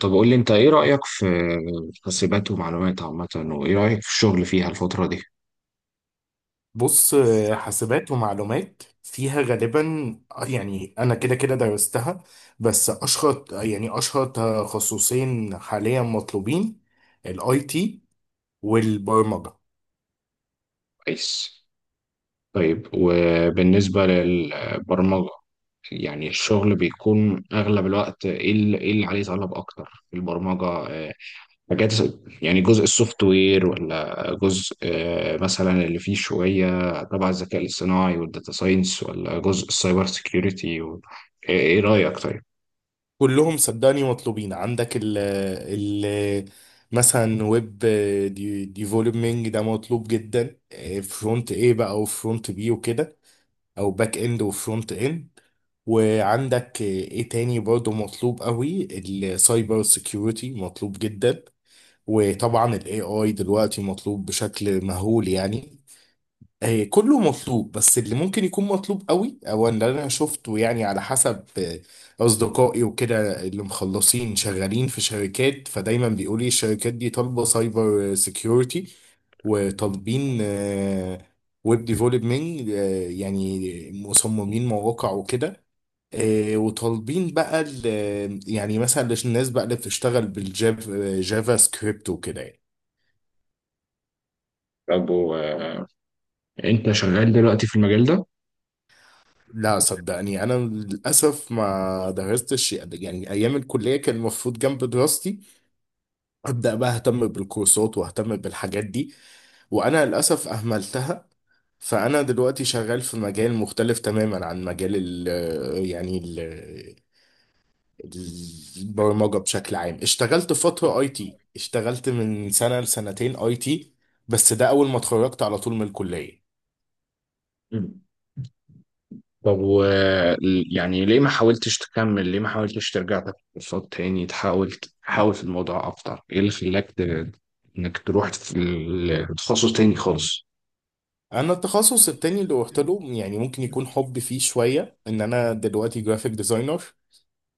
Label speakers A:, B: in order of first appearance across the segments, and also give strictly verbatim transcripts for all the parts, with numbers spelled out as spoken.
A: طب قول لي انت ايه رأيك في حاسبات ومعلومات عامة وايه رأيك في الشغل فيها الفترة دي؟
B: بص آه، حاسبات ومعلومات فيها غالبا آه، يعني انا كده كده درستها، بس اشهر يعني اشهر تخصصين حاليا مطلوبين: الاي تي والبرمجه.
A: كويس. طيب وبالنسبة للبرمجة، يعني الشغل بيكون أغلب الوقت إيه اللي إيه اللي عليه طلب أكتر في البرمجة؟ آه، حاجات يعني، جزء السوفت وير ولا جزء، آه، مثلا اللي فيه شوية تبع الذكاء الاصطناعي والداتا ساينس، ولا جزء السايبر سيكيورتي و... إيه إيه رأيك طيب؟
B: كلهم صدقني مطلوبين. عندك ال ال مثلا ويب ديفلوبمنج ده مطلوب جدا، فرونت ايه بقى وفرونت بي وكده، او باك اند وفرونت اند. وعندك ايه تاني برضه مطلوب قوي، السايبر سيكيورتي مطلوب جدا، وطبعا الاي اي دلوقتي مطلوب بشكل مهول يعني. آه، كله مطلوب، بس اللي ممكن يكون مطلوب قوي او اللي انا شفته يعني على حسب آه، اصدقائي وكده اللي مخلصين شغالين في شركات، فدايما بيقولوا لي الشركات دي طالبه سايبر سيكيورتي، وطالبين ويب ديفلوبمنت، يعني مصممين مواقع وكده. آه، وطالبين بقى ال- آه، يعني مثلا الناس بقى اللي بتشتغل بالجافا، جافا سكريبت وكده يعني.
A: طب و- آه، أنت شغال دلوقتي في المجال ده؟
B: لا صدقني، انا للاسف ما درستش، يعني ايام الكليه كان المفروض جنب دراستي ابدا بقى اهتم بالكورسات واهتم بالحاجات دي، وانا للاسف اهملتها. فانا دلوقتي شغال في مجال مختلف تماما عن مجال ال يعني ال البرمجه بشكل عام. اشتغلت فتره اي تي، اشتغلت من سنه لسنتين اي تي، بس ده اول ما اتخرجت على طول من الكليه.
A: مم. طب و، يعني ليه ما حاولتش تكمل؟ ليه ما حاولتش ترجع تاخد كورسات تاني، تحاول تحاول في الموضوع اكتر؟ ايه اللي خلاك ت... انك تروح في ال- تخصص تاني خالص؟
B: انا التخصص التاني اللي روحت له يعني ممكن يكون حب فيه شويه، ان انا دلوقتي جرافيك ديزاينر.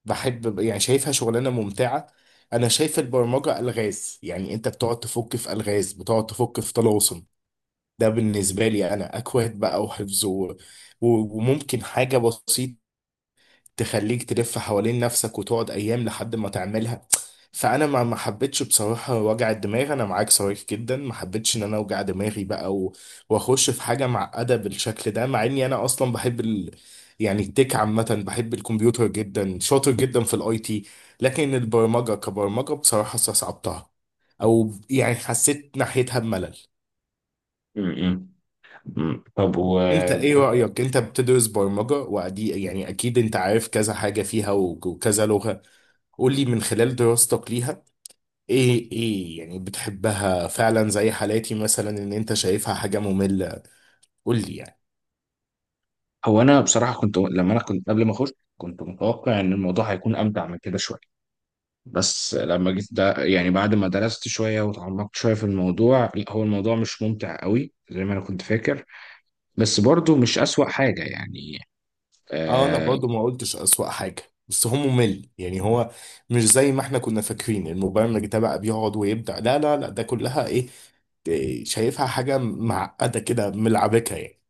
B: بحب، يعني شايفها شغلانه ممتعه. انا شايف البرمجه الغاز، يعني انت بتقعد تفك في الغاز، بتقعد تفك في طلاسم. ده بالنسبه لي انا اكواد بقى وحفظ و- و- وممكن حاجه بسيطه تخليك تلف حوالين نفسك وتقعد ايام لحد ما تعملها. فانا ما ما حبيتش بصراحه وجع الدماغ. انا معاك صريح جدا، ما حبيتش ان انا اوجع دماغي بقى و... واخش في حاجه معقده بالشكل ده، مع اني انا اصلا بحب ال... يعني التك عامه، بحب الكمبيوتر جدا، شاطر جدا في الاي تي، لكن البرمجه كبرمجه بصراحه استصعبتها، او يعني حسيت ناحيتها بملل.
A: مم. مم. طب و،
B: انت ايه رأيك؟ انت بتدرس برمجة وعدي، يعني اكيد انت عارف كذا حاجة فيها و- وكذا لغة. قول لي من خلال دراستك ليها، ايه ايه يعني، بتحبها فعلا؟ زي حالاتي مثلا ان انت شايفها حاجة مملة؟ قول لي يعني.
A: هو انا بصراحه كنت، لما انا كنت قبل ما اخش كنت متوقع ان الموضوع هيكون امتع من كده شويه، بس لما جيت ده يعني بعد ما درست شويه وتعمقت شويه في الموضوع، لا هو الموضوع مش ممتع قوي زي ما انا كنت فاكر. بس برضو مش اسوأ حاجه يعني.
B: اه، انا
A: آه.
B: برضو ما قلتش اسوأ حاجة، بس هو ممل. يعني هو مش زي ما احنا كنا فاكرين المبرمج ده بقى بيقعد ويبدع، لا لا لا، ده كلها ايه، إيه، شايفها حاجة معقدة كده، ملعبكة يعني.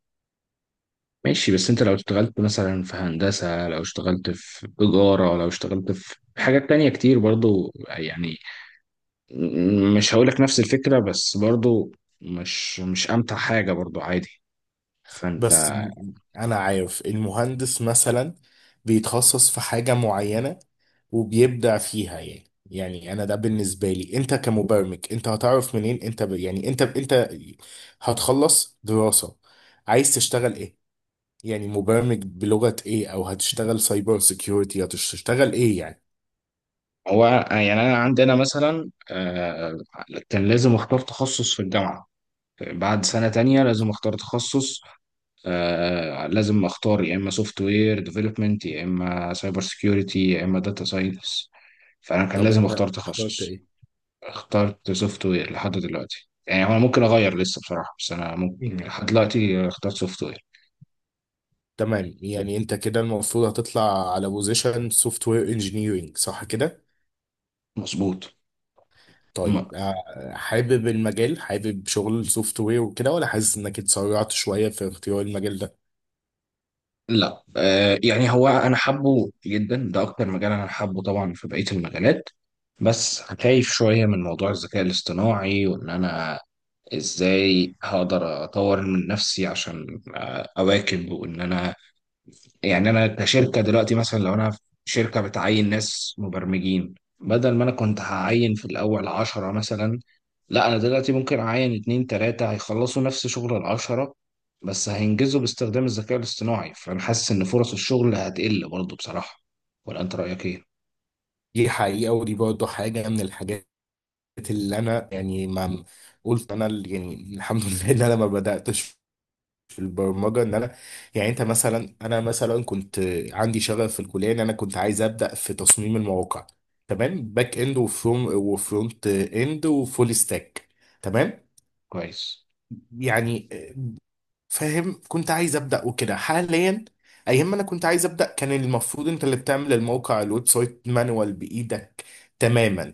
A: ماشي، بس انت لو اشتغلت مثلا في هندسة، لو اشتغلت في تجارة، لو اشتغلت في حاجات تانية كتير برضو يعني، م- مش هقولك نفس الفكرة، بس برضو مش مش امتع حاجة، برضو عادي. فانت،
B: بس م- انا عارف المهندس مثلا بيتخصص في حاجة معينة وبيبدع فيها. يعني يعني انا، ده بالنسبة لي، انت كمبرمج انت هتعرف منين انت ب... يعني انت انت هتخلص دراسة، عايز تشتغل ايه؟ يعني مبرمج بلغة ايه، او هتشتغل سايبر سيكيورتي، هتشتغل ايه يعني.
A: هو يعني انا عندنا مثلا آه كان لازم اختار تخصص في الجامعة، بعد سنة تانية لازم اختار تخصص. آه، لازم اختار يا اما سوفت وير ديفلوبمنت، يا اما سايبر سكيورتي، يا اما داتا ساينس. فانا كان
B: طب
A: لازم
B: انت
A: اختار
B: اخترت
A: تخصص.
B: ايه؟
A: اخترت سوفت وير لحد دلوقتي، يعني انا ممكن اغير لسه بصراحه، بس انا ممكن
B: مم.
A: لحد دلوقتي اخترت سوفت وير.
B: تمام، يعني انت كده المفروض هتطلع على بوزيشن سوفت وير انجينيرنج، صح كده؟
A: مظبوط. م-
B: طيب آه، حابب المجال، حابب شغل السوفت وير وكده، ولا حاسس انك اتسرعت شويه في اختيار المجال ده؟
A: لا آه، يعني هو انا حابه جدا، ده اكتر مجال انا حابه طبعا في بقيه المجالات. بس خايف شويه من موضوع الذكاء الاصطناعي، وان انا ازاي هقدر اطور من نفسي عشان اواكب، وان انا يعني انا كشركه دلوقتي، مثلا لو انا في شركه بتعين ناس مبرمجين، بدل ما انا كنت هعين في الاول عشرة مثلا، لا انا دلوقتي ممكن اعين اتنين تلاتة هيخلصوا نفس شغل العشرة، بس هينجزوا باستخدام الذكاء الاصطناعي. فانا حاسس ان فرص الشغل هتقل برضه بصراحه. ولا انت رايك ايه؟
B: دي حقيقه، ودي برضه حاجه من الحاجات اللي انا يعني ما قلت انا اللي- يعني الحمد لله ان انا ما بداتش في البرمجه. ان انا يعني، انت مثلا، انا مثلا كنت عندي شغف في الكليه ان انا كنت عايز ابدا في تصميم المواقع، تمام، باك اند وفرونت وفرونت اند وفول ستاك، تمام.
A: كويس.
B: يعني فاهم، كنت عايز ابدا وكده. حاليا، ايام ما انا كنت عايز ابدا، كان المفروض انت اللي بتعمل الموقع الويب سايت مانوال بايدك تماما.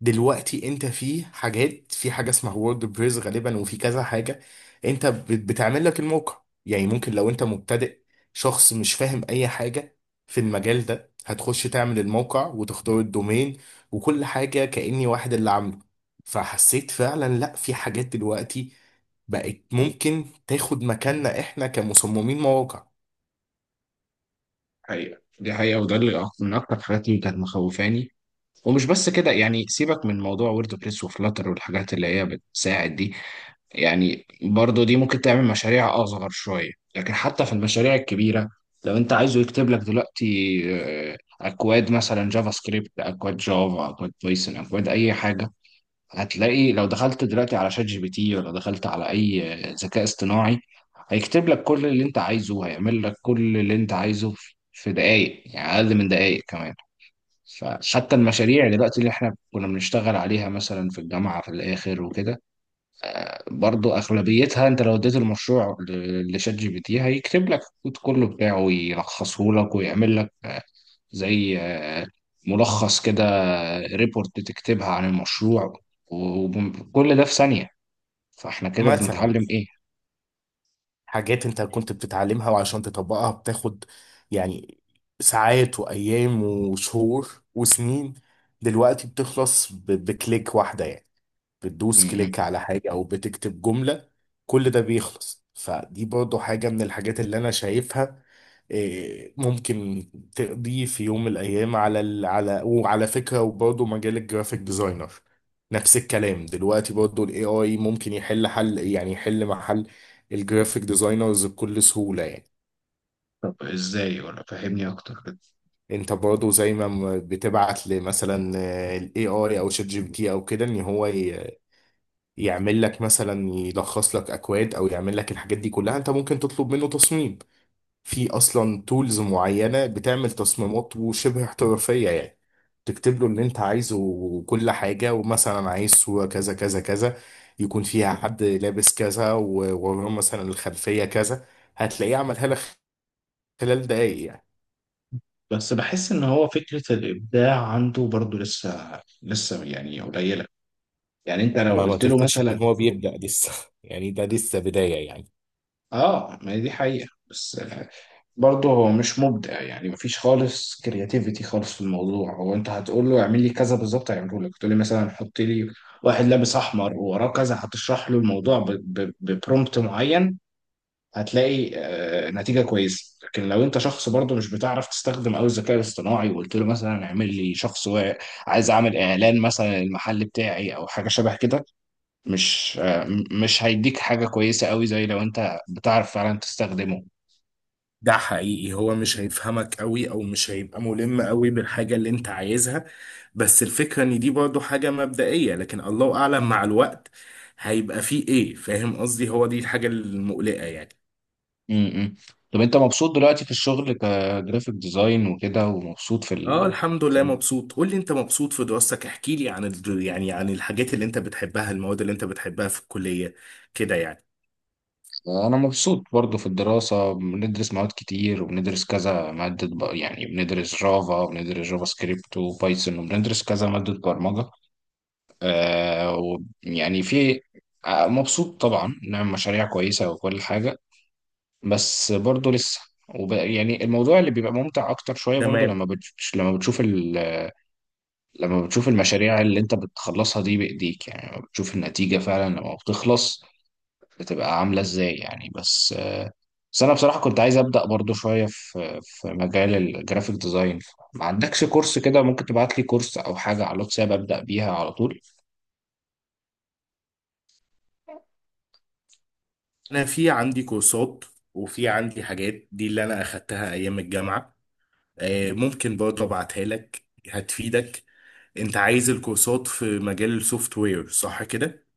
B: دلوقتي انت في حاجات، في حاجه اسمها وورد بريس غالبا وفي كذا حاجه، انت بت- بتعمل لك الموقع. يعني ممكن لو انت مبتدئ، شخص مش فاهم اي حاجه في المجال ده، هتخش تعمل الموقع وتختار الدومين وكل حاجه كاني واحد اللي عامله. فحسيت فعلا لا، في حاجات دلوقتي بقت ممكن تاخد مكاننا احنا كمصممين مواقع.
A: حقيقة، دي حقيقة، وده اللي أك- من أكتر الحاجات اللي كانت مخوفاني. ومش بس كده يعني، سيبك من موضوع ووردبريس وفلاتر والحاجات اللي هي بتساعد دي، يعني برضو دي ممكن تعمل مشاريع أصغر شوية، لكن حتى في المشاريع الكبيرة لو أنت عايزه يكتب لك دلوقتي آه، أكواد مثلا جافا سكريبت، أكواد جافا، أكواد بايثون، أكواد أي حاجة، هتلاقي لو دخلت دلوقتي على شات جي بي تي، ولا دخلت على أي آه، ذكاء اصطناعي، هيكتب لك كل اللي أنت عايزه، هيعمل لك كل اللي أنت عايزه في في دقايق، يعني أقل من دقايق كمان. فحتى المشاريع دلوقتي اللي احنا كنا بنشتغل عليها مثلا في الجامعة في الآخر وكده، برضو أغلبيتها أنت لو اديت المشروع ل- لشات جي بي تي هيكتب لك الكود كله بتاعه، ويلخصه لك، ويعمل لك آه، زي آه، ملخص كده، ريبورت تكتبها عن المشروع، وكل ده في ثانية. فاحنا كده
B: مثلا
A: بنتعلم إيه؟
B: حاجات انت كنت بتتعلمها وعشان تطبقها بتاخد يعني ساعات وايام وشهور وسنين، دلوقتي بتخلص ب- بكليك واحدة يعني.
A: م-
B: بتدوس
A: م.
B: كليك على حاجة أو بتكتب جملة، كل ده بيخلص. فدي برضو حاجة من الحاجات اللي أنا شايفها إيه، ممكن تقضي في يوم من الأيام على ال... على. وعلى فكرة، وبرضو مجال الجرافيك ديزاينر نفس الكلام، دلوقتي برضو ال إيه آي ممكن يحل حل، يعني يحل محل الجرافيك ديزاينرز بكل سهولة يعني.
A: طب ازاي؟ ولا فهمني اكتر كده.
B: انت برضو زي ما م- بتبعت لمثلا آه، ال A I او شات جي بي تي او كده ان هو يعمل لك مثلا، يلخص لك اكواد او يعمل لك الحاجات دي كلها، انت ممكن تطلب منه تصميم. في اصلا تولز معينه بتعمل تصميمات وشبه احترافيه يعني، تكتب له اللي انت عايزه وكل حاجه، ومثلا عايز صوره كذا كذا كذا، يكون فيها حد لابس كذا ووراه مثلا الخلفيه كذا، هتلاقيه عملها لك خلال دقايق يعني.
A: بس بحس ان هو فكرة الابداع عنده برضو لسه لسه يعني قليلة، يعني انت لو
B: ما ما
A: قلت له
B: تفتكرش ان
A: مثلا،
B: هو بيبدأ لسه يعني ده لسه بدايه يعني.
A: اه ما هي دي حقيقة، بس آه، برضه هو مش مبدع يعني، مفيش خالص كرياتيفيتي خالص في الموضوع، هو انت هتقول له اعمل لي كذا بالظبط هيعمله لك. تقول لي مثلا حط لي واحد لابس احمر ووراه كذا، هتشرح له الموضوع ب- ب- ببرومبت معين، هتلاقي آه، نتيجة كويسة. لكن لو انت شخص برضه مش بتعرف تستخدم قوي الذكاء الاصطناعي وقلت له مثلا اعمل لي شخص واعي-، عايز اعمل اعلان مثلا للمحل بتاعي او حاجة شبه كده، مش آه، م- مش هيديك حاجة كويسة قوي زي لو انت بتعرف فعلا تستخدمه.
B: ده حقيقي، هو مش هيفهمك قوي او مش هيبقى ملم قوي بالحاجة اللي انت عايزها، بس الفكرة ان دي برضو حاجة مبدئية، لكن الله اعلم مع الوقت هيبقى فيه ايه. فاهم قصدي؟ هو دي الحاجة المقلقة يعني.
A: امم. طب انت مبسوط دلوقتي في الشغل كجرافيك ديزاين وكده، ومبسوط في
B: اه
A: ال...؟
B: الحمد
A: في
B: لله
A: ال-
B: مبسوط. قول لي انت، مبسوط في دراستك؟ احكي لي عن ال... يعني عن الحاجات اللي انت بتحبها، المواد اللي انت بتحبها في الكلية كده يعني.
A: انا مبسوط برضو في الدراسة، بندرس مواد كتير وبندرس كذا مادة، ب- يعني بندرس جافا وبندرس جافا سكريبت وبايثون وبندرس كذا مادة برمجة. آه، ويعني في، آه، مبسوط طبعا، نعمل مشاريع كويسة وكل حاجة. بس برضه لسه، وب... يعني الموضوع اللي بيبقى ممتع اكتر شويه برضه
B: تمام.
A: لما بتش... لما بتشوف ال... لما بتشوف المشاريع اللي انت بتخلصها دي بايديك، يعني لما بتشوف النتيجه فعلا لما بتخلص بتبقى عامله ازاي يعني. بس بس انا بصراحه كنت عايز ابدا برضه شويه في في مجال الجرافيك ديزاين. ما عندكش كورس كده ممكن تبعت لي كورس او حاجه على الواتساب ابدا بيها على طول؟
B: انا في عندي كورسات وفي عندي حاجات دي اللي انا اخدتها ايام الجامعة، آه، ممكن برضه ابعتها لك، هتفيدك. انت عايز الكورسات في مجال السوفت وير صح كده؟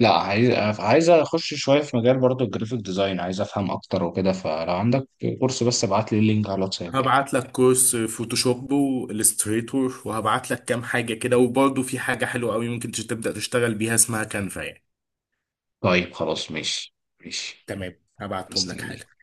A: لا عايز عايز اخش شويه في مجال برضه الجرافيك ديزاين، عايز افهم اكتر وكده، فلو عندك كورس بس ابعت لي اللينك على الواتساب يعني.
B: هبعت لك كورس فوتوشوب والستريتور، وهبعت لك كام حاجة كده. وبرضه في حاجة حلوة قوي ممكن تش- تبدأ تشتغل بيها اسمها كانفا يعني.
A: طيب خلاص، ماشي ماشي.
B: تمام، هبعتهم لك حالا.
A: مستنيك.